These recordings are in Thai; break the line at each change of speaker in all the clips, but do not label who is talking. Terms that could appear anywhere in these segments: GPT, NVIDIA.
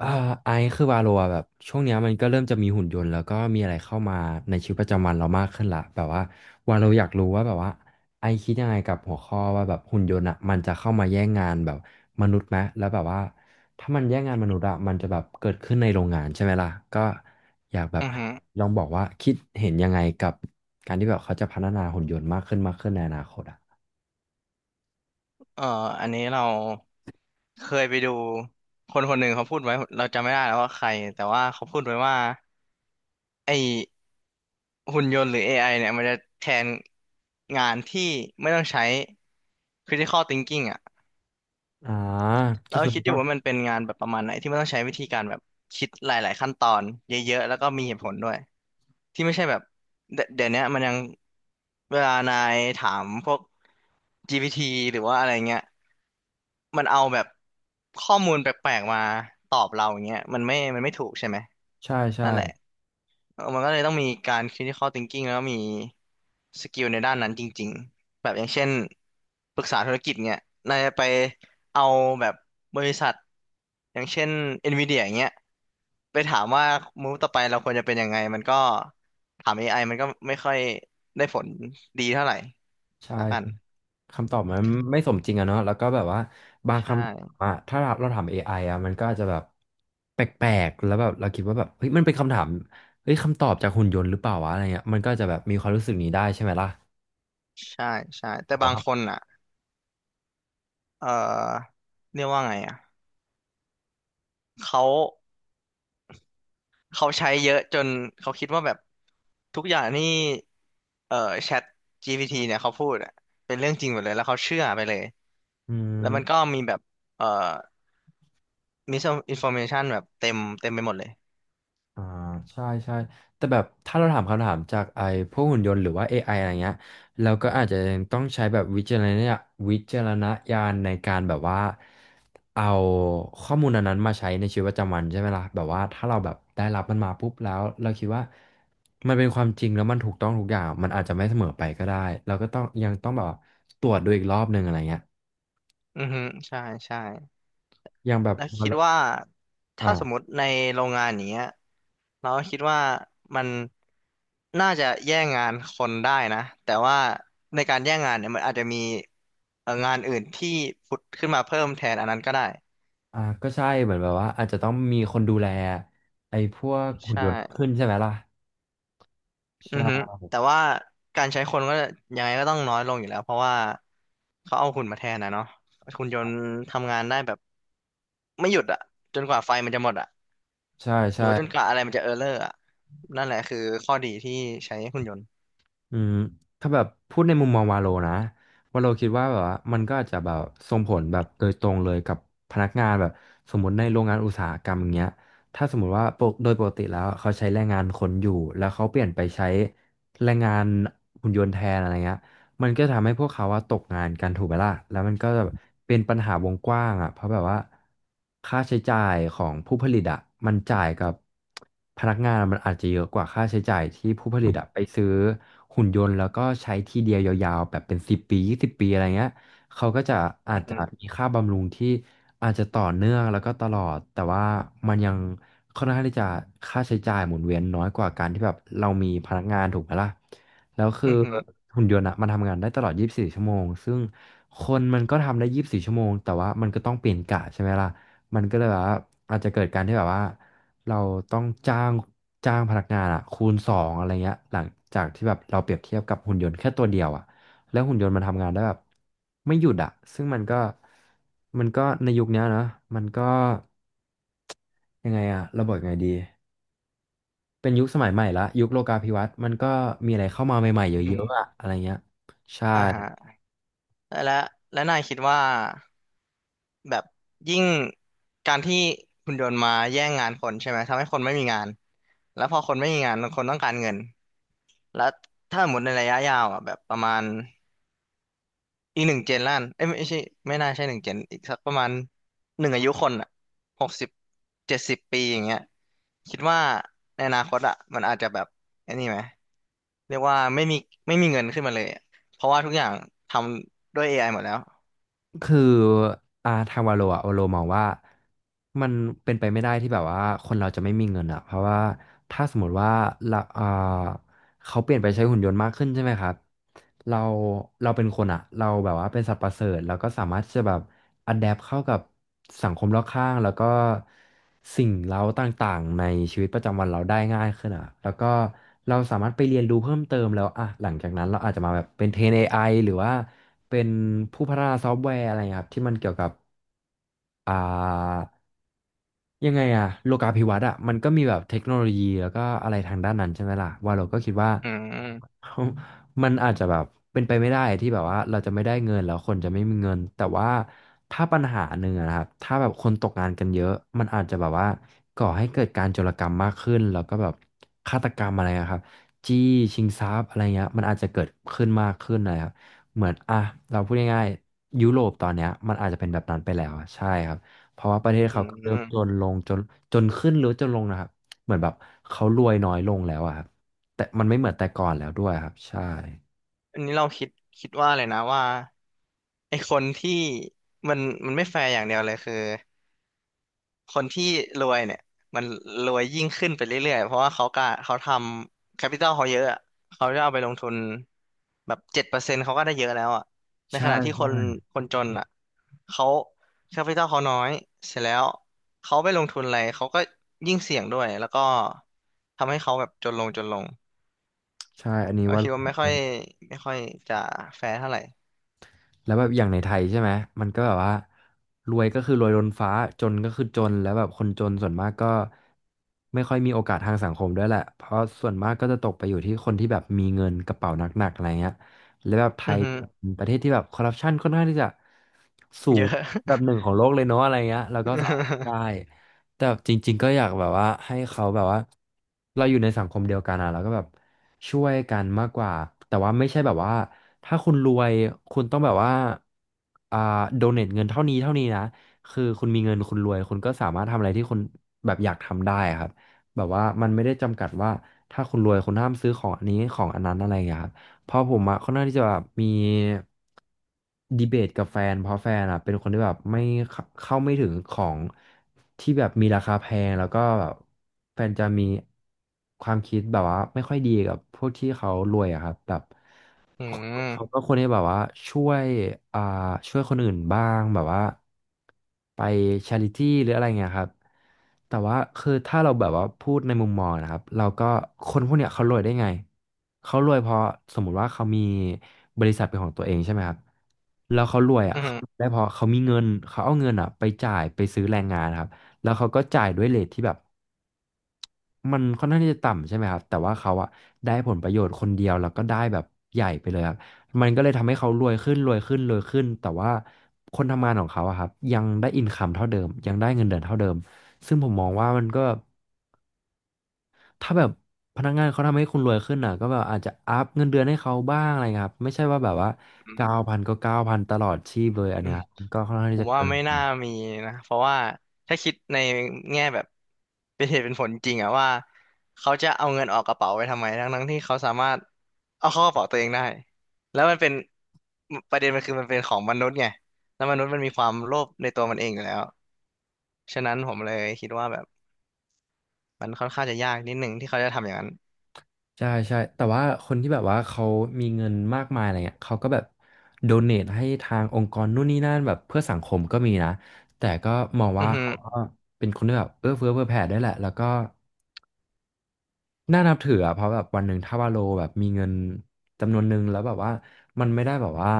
อ่าไอซ์คือวาโลอะแบบช่วงเนี้ยมันก็เริ่มจะมีหุ่นยนต์แล้วก็มีอะไรเข้ามาในชีวิตประจำวันเรามากขึ้นละแบบว่าวาโลอยากรู้ว่าแบบว่าไอซ์คิดยังไงกับหัวข้อว่าแบบหุ่นยนต์อะมันจะเข้ามาแย่งงานแบบมนุษย์ไหมแล้วแบบว่าถ้ามันแย่งงานมนุษย์อะมันจะแบบเกิดขึ้นในโรงงานใช่ไหมล่ะก็อยากแบบ
อือฮึ
ลองบอกว่าคิดเห็นยังไงกับการที่แบบเขาจะพัฒนาหุ่นยนต์มากขึ้นมากขึ้นในอนาคตอะ
เอ่ออันนี้เราเคยไปดูคนคนหนึ่งเขาพูดไว้เราจำไม่ได้แล้วว่าใครแต่ว่าเขาพูดไว้ว่าไอหุ่นยนต์หรือ AI เนี่ยมันจะแทนงานที่ไม่ต้องใช้ critical thinking อ่ะ
อ่าก็
เรา
คือ
คิ
มั
ด
น
อ
ต้อ
ยู่
ง
ว่ามันเป็นงานแบบประมาณไหนที่ไม่ต้องใช้วิธีการแบบคิดหลายๆขั้นตอนเยอะๆ แล้วก็มีเหตุผลด้วยที่ไม่ใช่แบบเดี๋ยวเนี้ยมันยังเวลานายถามพวก GPT หรือว่าอะไรเงี้ย มันเอาแบบข้อมูลแปลกๆมาตอบเราอย่างเงี้ยมันไม่ถูกใช่ไหม
ใช่ใช่
นั่นแหละเออมันก็เลยต้องมีการ critical thinking แล้วก็มีสกิลในด้านนั้นจริงๆแบบอย่างเช่นปรึกษาธุรกิจเงี้ยนายจะไปเอาแบบบริษัทอย่างเช่น NVIDIA อย่างเงี้ยไปถามว่ามูฟต่อไปเราควรจะเป็นยังไงมันก็ถาม AI มันก็ไม่ค่อยได้ผลดีเท่าไหร่
ใช่
ละกัน
คำตอบมันไม่สมจริงอะเนาะแล้วก็แบบว่าบาง
ใช่
คำถามอะถ้าเราถาม AI อไออะมันก็อาจจะแบบแปลกๆแล้วแบบเราคิดว่าแบบเฮ้ยมันเป็นคำถามเฮ้ยคำตอบจากหุ่นยนต์หรือเปล่าวะอะไรเงี้ยมันก็จะแบบมีความรู้สึกนี้ได้ใช่ไหมล่ะ
ใช่ใช่แต่
แต่
บางค
ว่า
นอ่ะ เอ่อเรียกว่าไงอ่ะเขาเขาใช้เยอะจนเขาคิดว่าแบบทุกอย่างนี่เอ่อแชท GPT เนี่ยเขาพูดอะเป็นเรื่องจริงหมดเลยแล้วเขาเชื่อไปเลย
อื
แล้วมันก็
ม
มีแบบเอ่อมิสอินฟอร์เมชันแบบเต็มไปหมดเลย
อ่าใช่ใช่แต่แบบถ้าเราถามคำถามจากไอ้พวกหุ่นยนต์หรือว่า AI อไออะไรเงี้ยเราก็อาจจะยังต้องใช้แบบวิจารณญาณในการแบบว่าเอาข้อมูลอันนั้นมาใช้ในชีวิตประจำวันใช่ไหมล่ะแบบว่าถ้าเราแบบได้รับมันมาปุ๊บแล้วเราคิดว่ามันเป็นความจริงแล้วมันถูกต้องทุกอย่างมันอาจจะไม่เสมอไปก็ได้เราก็ต้องยังต้องแบบตรวจดูอีกรอบหนึ่งอะไรเงี้ย
อือฮึใช่ใช่
ยังแบบ
แล้วคิดว่าถ้าสม
อ่า
มติในโรงงานอย่างเงี้ยเราก็คิดว่ามันน่าจะแย่งงานคนได้นะแต่ว่าในการแย่งงานเนี่ยมันอาจจะมีงานอื่นที่ผุดขึ้นมาเพิ่มแทนอันนั้นก็ได้
อ่าก็ใช่เหมือนแบบว่าอาจจะต้องมีคนดูแลไอ้พวก
ใช
หุ่นยนต์ขึ้
่
นใช่ไหมล่ะ
อื
ใช่
อฮึแต่ว่าการใช้คนก็ยังไงก็ต้องน้อยลงอยู่แล้วเพราะว่าเขาเอาหุ่นมาแทนนะเนาะหุ่นยนต์ทำงานได้แบบไม่หยุดอะจนกว่าไฟมันจะหมดอะ
ใช่
หรื
ใช่
อว่าจนกว่าอะไรมันจะเออร์เลอร์อะนั่นแหละคือข้อดีที่ใช้หุ่นยนต์
อืมถ้าแบบพูดในมุมมองวาโลนะวาโลคิดว่าแบบว่ามันก็อาจจะแบบส่งผลแบบโดยตรงเลยกับพนักงานแบบสมมติในโรงงานอุตสาหกรรมอย่างเงี้ยถ้าสมมติว่าโดยปกติแล้วเขาใช้แรงงานคนอยู่แล้วเขาเปลี่ยนไปใช้แรงงานหุ่นยนต์แทนอะไรเงี้ย มันก็ทำให้พวกเขาอะตกงานกันถูกไหมล่ะแล้วมันก็เป็นปัญหาวงกว้างอะเพราะแบบว่าค่าใช้จ่ายของผู้ผลิตอะมันจ่ายกับพนักงานมันอาจจะเยอะกว่าค่าใช้จ่ายที่ผู้ผลิตอะไปซื้อหุ่นยนต์แล้วก็ใช้ทีเดียวยาวๆแบบเป็นสิบปียี่สิบปีอะไรเงี้ยเขาก็จะอาจ
อื
จะ
ม
มีค่าบำรุงที่อาจจะต่อเนื่องแล้วก็ตลอดแต่ว่ามันยังค่อนข้างที่จะค่าใช้จ่ายหมุนเวียนน้อยกว่าการที่แบบเรามีพนักงานถูกไหมล่ะ แล้วคื
อื
อ
มอหืม
หุ่นยนต์อะมันทำงานได้ตลอด 24ชั่วโมงซึ่งคนมันก็ทำได้24ชั่วโมงแต่ว่ามันก็ต้องเปลี่ยนกะใช่ไหมล่ะมันก็เลยแบบว่าอาจจะเกิดการที่แบบว่าเราต้องจ้างพนักงานอะคูณสองอะไรเงี้ยหลังจากที่แบบเราเปรียบเทียบกับหุ่นยนต์แค่ตัวเดียวอะแล้วหุ่นยนต์มันทำงานได้แบบไม่หยุดอะซึ่งมันก็ในยุคเนี้ยนะมันก็ยังไงอะเราบอกยังไงดี เป็นยุคสมัยใหม่ละยุคโลกาภิวัตน์มันก็มีอะไรเข้ามาใหม่ๆเย
ออืม
อะๆอะอะไรเงี้ยใช่
อ่าฮะและและนายคิดว่าแบบยิ่งการที่หุ่นยนต์มาแย่งงานคนใช่ไหมทำให้คนไม่มีงานแล้วพอคนไม่มีงานคนต้องการเงินแล้วถ้าหมดในระยะยาวอ่ะแบบประมาณ อีกหนึ่งเจนล้านเอ้ยไม่ใช่ไม่น่าใช่หนึ่งเจนอีกสักประมาณหนึ่งอายุคนอ่ะ6070 ปีอย่างเงี้ยคิดว่าในอนาคตอ่ะมันอาจจะแบบไอ้นี่ไหมเรียกว่าไม่มีเงินขึ้นมาเลยอะเพราะว่าทุกอย่างทำด้วย AI หมดแล้ว
คืออาทางวาโลอะวาโลมองว่ามันเป็นไปไม่ได้ที่แบบว่าคนเราจะไม่มีเงินอะเพราะว่าถ้าสมมติว่าละอ่า เขาเปลี่ยนไปใช้หุ่นยนต์มากขึ้นใช่ไหมครับ เรา เราเป็นคนอะ เราแบบว่าเป็นสัตว์ประเสริฐแล้วก็สามารถที่จะแบบอัดแอปเข้ากับสังคมรอบข้างแล้วก็สิ่งเร้าต่างๆในชีวิตประจำวันเราได้ง่ายขึ้นอะแล้วก็เราสามารถไปเรียนรู้เพิ่มเติมแล้วอะหลังจากนั้นเราอาจจะมาแบบเป็นเทรนเอไ i หรือว่าเป็นผู้พัฒนาซอฟต์แวร์อะไรอย่างเงี้ยครับที่มันเกี่ยวกับอ่า ยังไงอะโลกาภิวัตน์อะมันก็มีแบบเทคโนโลยีแล้วก็อะไรทางด้านนั้นใช่ไหมล่ะว่าเราก็คิดว่า
อืม
มันอาจจะแบบเป็นไปไม่ได้ที่แบบว่าเราจะไม่ได้เงินแล้วคนจะไม่มีเงินแต่ว่าถ้าปัญหาหนึ่งอะนะครับถ้าแบบคนตกงานกันเยอะมันอาจจะแบบว่าก่อให้เกิดการโจรกรรมมากขึ้นแล้วก็แบบฆาตกรรมอะไรอะครับจี้ชิงทรัพย์อะไรเงี้ยมันอาจจะเกิดขึ้นมากขึ้นนะครับเหมือนอ่ะเราพูดง่ายๆยุโรปตอนเนี้ยมันอาจจะเป็นแบบนั้นไปแล้วอะใช่ครับ เพราะว่าประเทศ
อื
เขาก็เริ่มจ
ม
นลงจนจนขึ้นหรือจนลงนะครับเหมือนแบบเขารวยน้อยลงแล้วอะครับแต่มันไม่เหมือนแต่ก่อนแล้วด้วยครับใช่
อันนี้เราคิดว่าเลยนะว่าไอ้คนที่มันมันไม่แฟร์อย่างเดียวเลยคือ คนที่รวยเนี่ยมันรวยยิ่งขึ้นไปเรื่อยๆเพราะว่าเขาทำแคปิตอลเขาเยอะอะเขาจะเอาไปลงทุนแบบ7%เขาก็ได้เยอะแล้วอ่ะใน
ใช่
ขณะที่คน
ใช่
คนจนอ่ะเขาแคปิตอลเขาน้อยเสร็จแล้วเขาไปลงทุนอะไรเขาก็ยิ่งเสี่ยงด้วยแล้วก็ทำให้เขาแบบจนลง
ใช่อันนี้
เรา
ว่า
คิดว่าไม่ค่อยจะแฟร์เท่าไหร่
แล้วแบบอย่างในไทยใช่ไหมมันก็แบบว่ารวยก็คือรวยล้นฟ้าจนก็คือจนแล้วแบบคนจนส่วนมากก็ไม่ค่อยมีโอกาสทางสังคมด้วยแหละเพราะส่วนมากก็จะตกไปอยู่ที่คนที่แบบมีเงินกระเป๋าหนักๆอะไรเงี้ยแล้วแบบไท
อือ
ย
ฮึ
เป็นประเทศที่แบบคอร์รัปชันค่อนข้างที่จะสู
เย
ง
อะ
อันดับหนึ่งของโลกเลยเนาะอะไรเงี้ยแล้วก็สอบได้ แต่แบบจริงๆก็อยากแบบว่าให้เขาแบบว่าเราอยู่ในสังคมเดียวกันอะแล้วก็แบบ ช่วยกันมากกว่าแต่ว่าไม่ใช่แบบว่าถ้าคุณรวยคุณต้องแบบว่าอ่าโดเนทเงินเท่านี้เท่านี้นะคือคุณมีเงินคุณรวยคุณก็สามารถทำอะไรที่คุณแบบอยากทำได้ครับแบบว่ามันไม่ได้จำกัดว่าถ้าคุณรวยคุณห้ามซื้อของอันนี้ของอันนั้นอะไรอย่างเงี้ยครับ เพราะผมอะค่อนข้างที่จะแบบมีดีเบตกับแฟนเพราะแฟนอะเป็นคนที่แบบไม่เข้าไม่ถึงของที่แบบมีราคาแพงแล้วก็แบบแฟนจะมีความคิดแบบว่าไม่ค่อยดีกับพวกที่เขารวยอะครับแบบ
อื
เขา
ม
ก็คนที่แบบว่าช่วยอ่าช่วยคนอื่นบ้างแบบว่าไปชาริตี้หรืออะไรเงี้ยครับแต่ว่าคือถ้าเราแบบว่าพูดในมุมมองนะครับเราก็คนพวกเนี้ยเขารวยได้ไงเขารวยเพราะสมมุติว่าเขามีบริษัทเป็นของตัวเองใช่ไหมครับแล้วเขารวย
อื
อ่ะเขา
ม
ได้เพราะเขามีเงินเขาเอาเงินอ่ะไปจ่ายไปซื้อแรงงานครับแล้วเขาก็จ่ายด้วยเรทที่แบบ มันค่อนข้างที่จะต่ำใช่ไหมครับ แต่ว่าเขาอะได้ผลประโยชน์คนเดียวแล้วก็ได้แบบใหญ่ไปเลยครับ มันก็เลยทำให้เขารวยขึ้นรวยขึ้นรวยขึ้นแต่ว่าคนทำงานของเขาอะครับยังได้อินคัมเท่าเดิมยังได้เงินเดือนเท่าเดิมซึ่งผมมองว่ามันก็ถ้าแบบพนักงานเขาทำให้คุณรวยขึ้นอ่ะก็แบบอาจจะอัพเงินเดือนให้เขาบ้างอะไรเงี้ยครับไม่ใช่ว่าแบบว่าเก้าพันก็เก้าพันตลอดชีพเลยอัน
อื
เนี้ย
ม
ครับมันก็ค่อนข้าง
ผ
ที่
ม
จะ
ว่า
เกิ
ไม่น่า
น
มีนะเพราะว่าถ้าคิดในแง่แบบเป็นเหตุเป็นผลจริงอะว่าเขาจะเอาเงินออกกระเป๋าไปทำไมทั้งๆที่เขาสามารถเอาเข้ากระเป๋าตัวเองได้แล้วมันเป็นประเด็นมันคือมันเป็นของมนุษย์ไงแล้วมนุษย์มันมีความโลภในตัวมันเองอยู่แล้วฉะนั้นผมเลยคิดว่าแบบมันค่อนข้างจะยากนิดหนึ่งที่เขาจะทำอย่างนั้น
ใช่ใช่แต่ว่าคนที่แบบว่าเขามีเงินมากมายอะไรเงี้ยเขาก็แบบโดเนทให้ทางองค์กรนู่นนี่นั่นแบบเพื่อสังคมก็มีนะแต่ก็มอง
อื
ว่า
อฮึ
เขาก็เป็นคนที่แบบเอื้อเฟื้อเผื่อแผ่ได้วยแหละแล้วก็ น่านับถืออะเพราะแบบวันหนึ่งถ้าวาโลแบบมีเงินจำนวนหนึ่งแล้วแบบว่ามันไม่ได้แบบว่า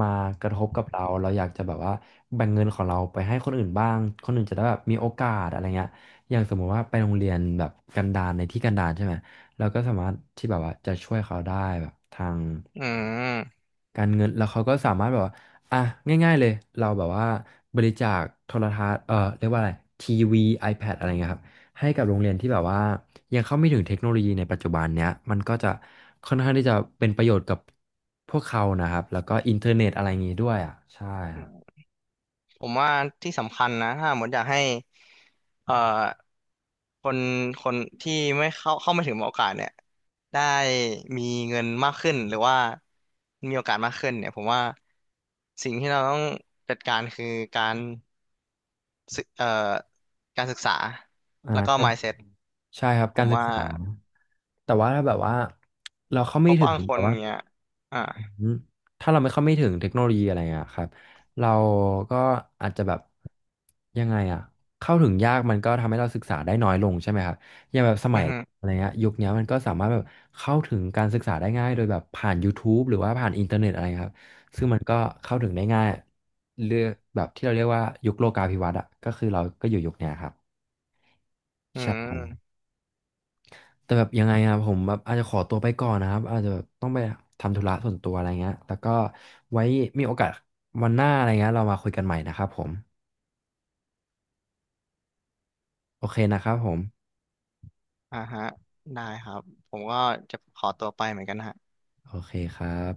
มากระทบกับเราเราอยากจะแบบว่าแบ่งเงินของเราไปให้คนอื่นบ้างคนอื่นจะได้แบบมีโอกาสอะไรเงี้ยอย่างสมมุติว่าไปโรงเรียนแบบกันดารในที่กันดารใช่ไหมเราก็สามารถที่แบบว่าจะช่วยเขาได้แบบทาง
อืม
การเงินแล้วเขาก็สามารถแบบว่าอ่ะง่ายๆเลยเราแบบว่าบริจาคโทรทัศน์เรียกว่าอะไรทีวี iPad อะไรเงี้ยครับให้กับโรงเรียนที่แบบว่ายังเข้าไม่ถึงเทคโนโลยีในปัจจุบันเนี้ยมันก็จะค่อนข้างที่จะเป็นประโยชน์กับพวกเขานะครับแล้วก็อินเทอร์เน็ตอะไรอย่างงี้ด้วยอ่ะใช่ครับ
ผมว่าที่สำคัญนะถ้าหมดอยากให้เอ่อคนคนที่ไม่เข้าเข้าไม่ถึงโอกาสเนี่ยได้มีเงินมากขึ้นหรือว่ามีโอกาสมากขึ้นเนี่ยผมว่าสิ่งที่เราต้องจัดการคือการศึกเอ่อการศึกษา
อ่า
แล้วก็
ก็
mindset
ใช่ครับ
ผ
กา
ม
รศึก
ว่า
ษาแต่ว่าถ้าแบบว่าเราเข้า
เพ
ไม่
ราะ
ถึ
บา
ง
งค
แบ
น
บว่า
เนี่ยอ่า
อืมถ้าเราไม่เข้าไม่ถึงเทคโนโลยีอะไรอ่ะครับเราก็อาจจะแบบยังไงอ่ะเข้าถึงยากมันก็ทำให้เราศึกษาได้น้อยลงใช่ไหมครับอย่างแบบสมั
อื
ย
อฮึ
อะไรเงี้ยยุคเนี้ยมันก็สามารถแบบเข้าถึงการศึกษาได้ง่ายโดยแบบผ่าน YouTube หรือว่าผ่านอินเทอร์เน็ตอะไรครับซึ่งมันก็เข้าถึงได้ง่ายเลือกแบบที่เราเรียกว่ายุคโลกาภิวัตน์อ่ะก็คือเราก็อยู่ยุคเนี้ยครับ
อื
ใช่
ม
แต่แบบยังไงอะผมแบบอาจจะขอตัวไปก่อนนะครับอาจจะแบบต้องไปทำธุระส่วนตัวอะไรเงี้ยแล้วก็ไว้มีโอกาสวันหน้าอะไรเงี้ยเรามาคุยกันใหม่นะครับผมโอเคนะครับผม
อ่าฮะได้ครับผมก็จะขอตัวไปเหมือนกันฮะ
โอเคครับ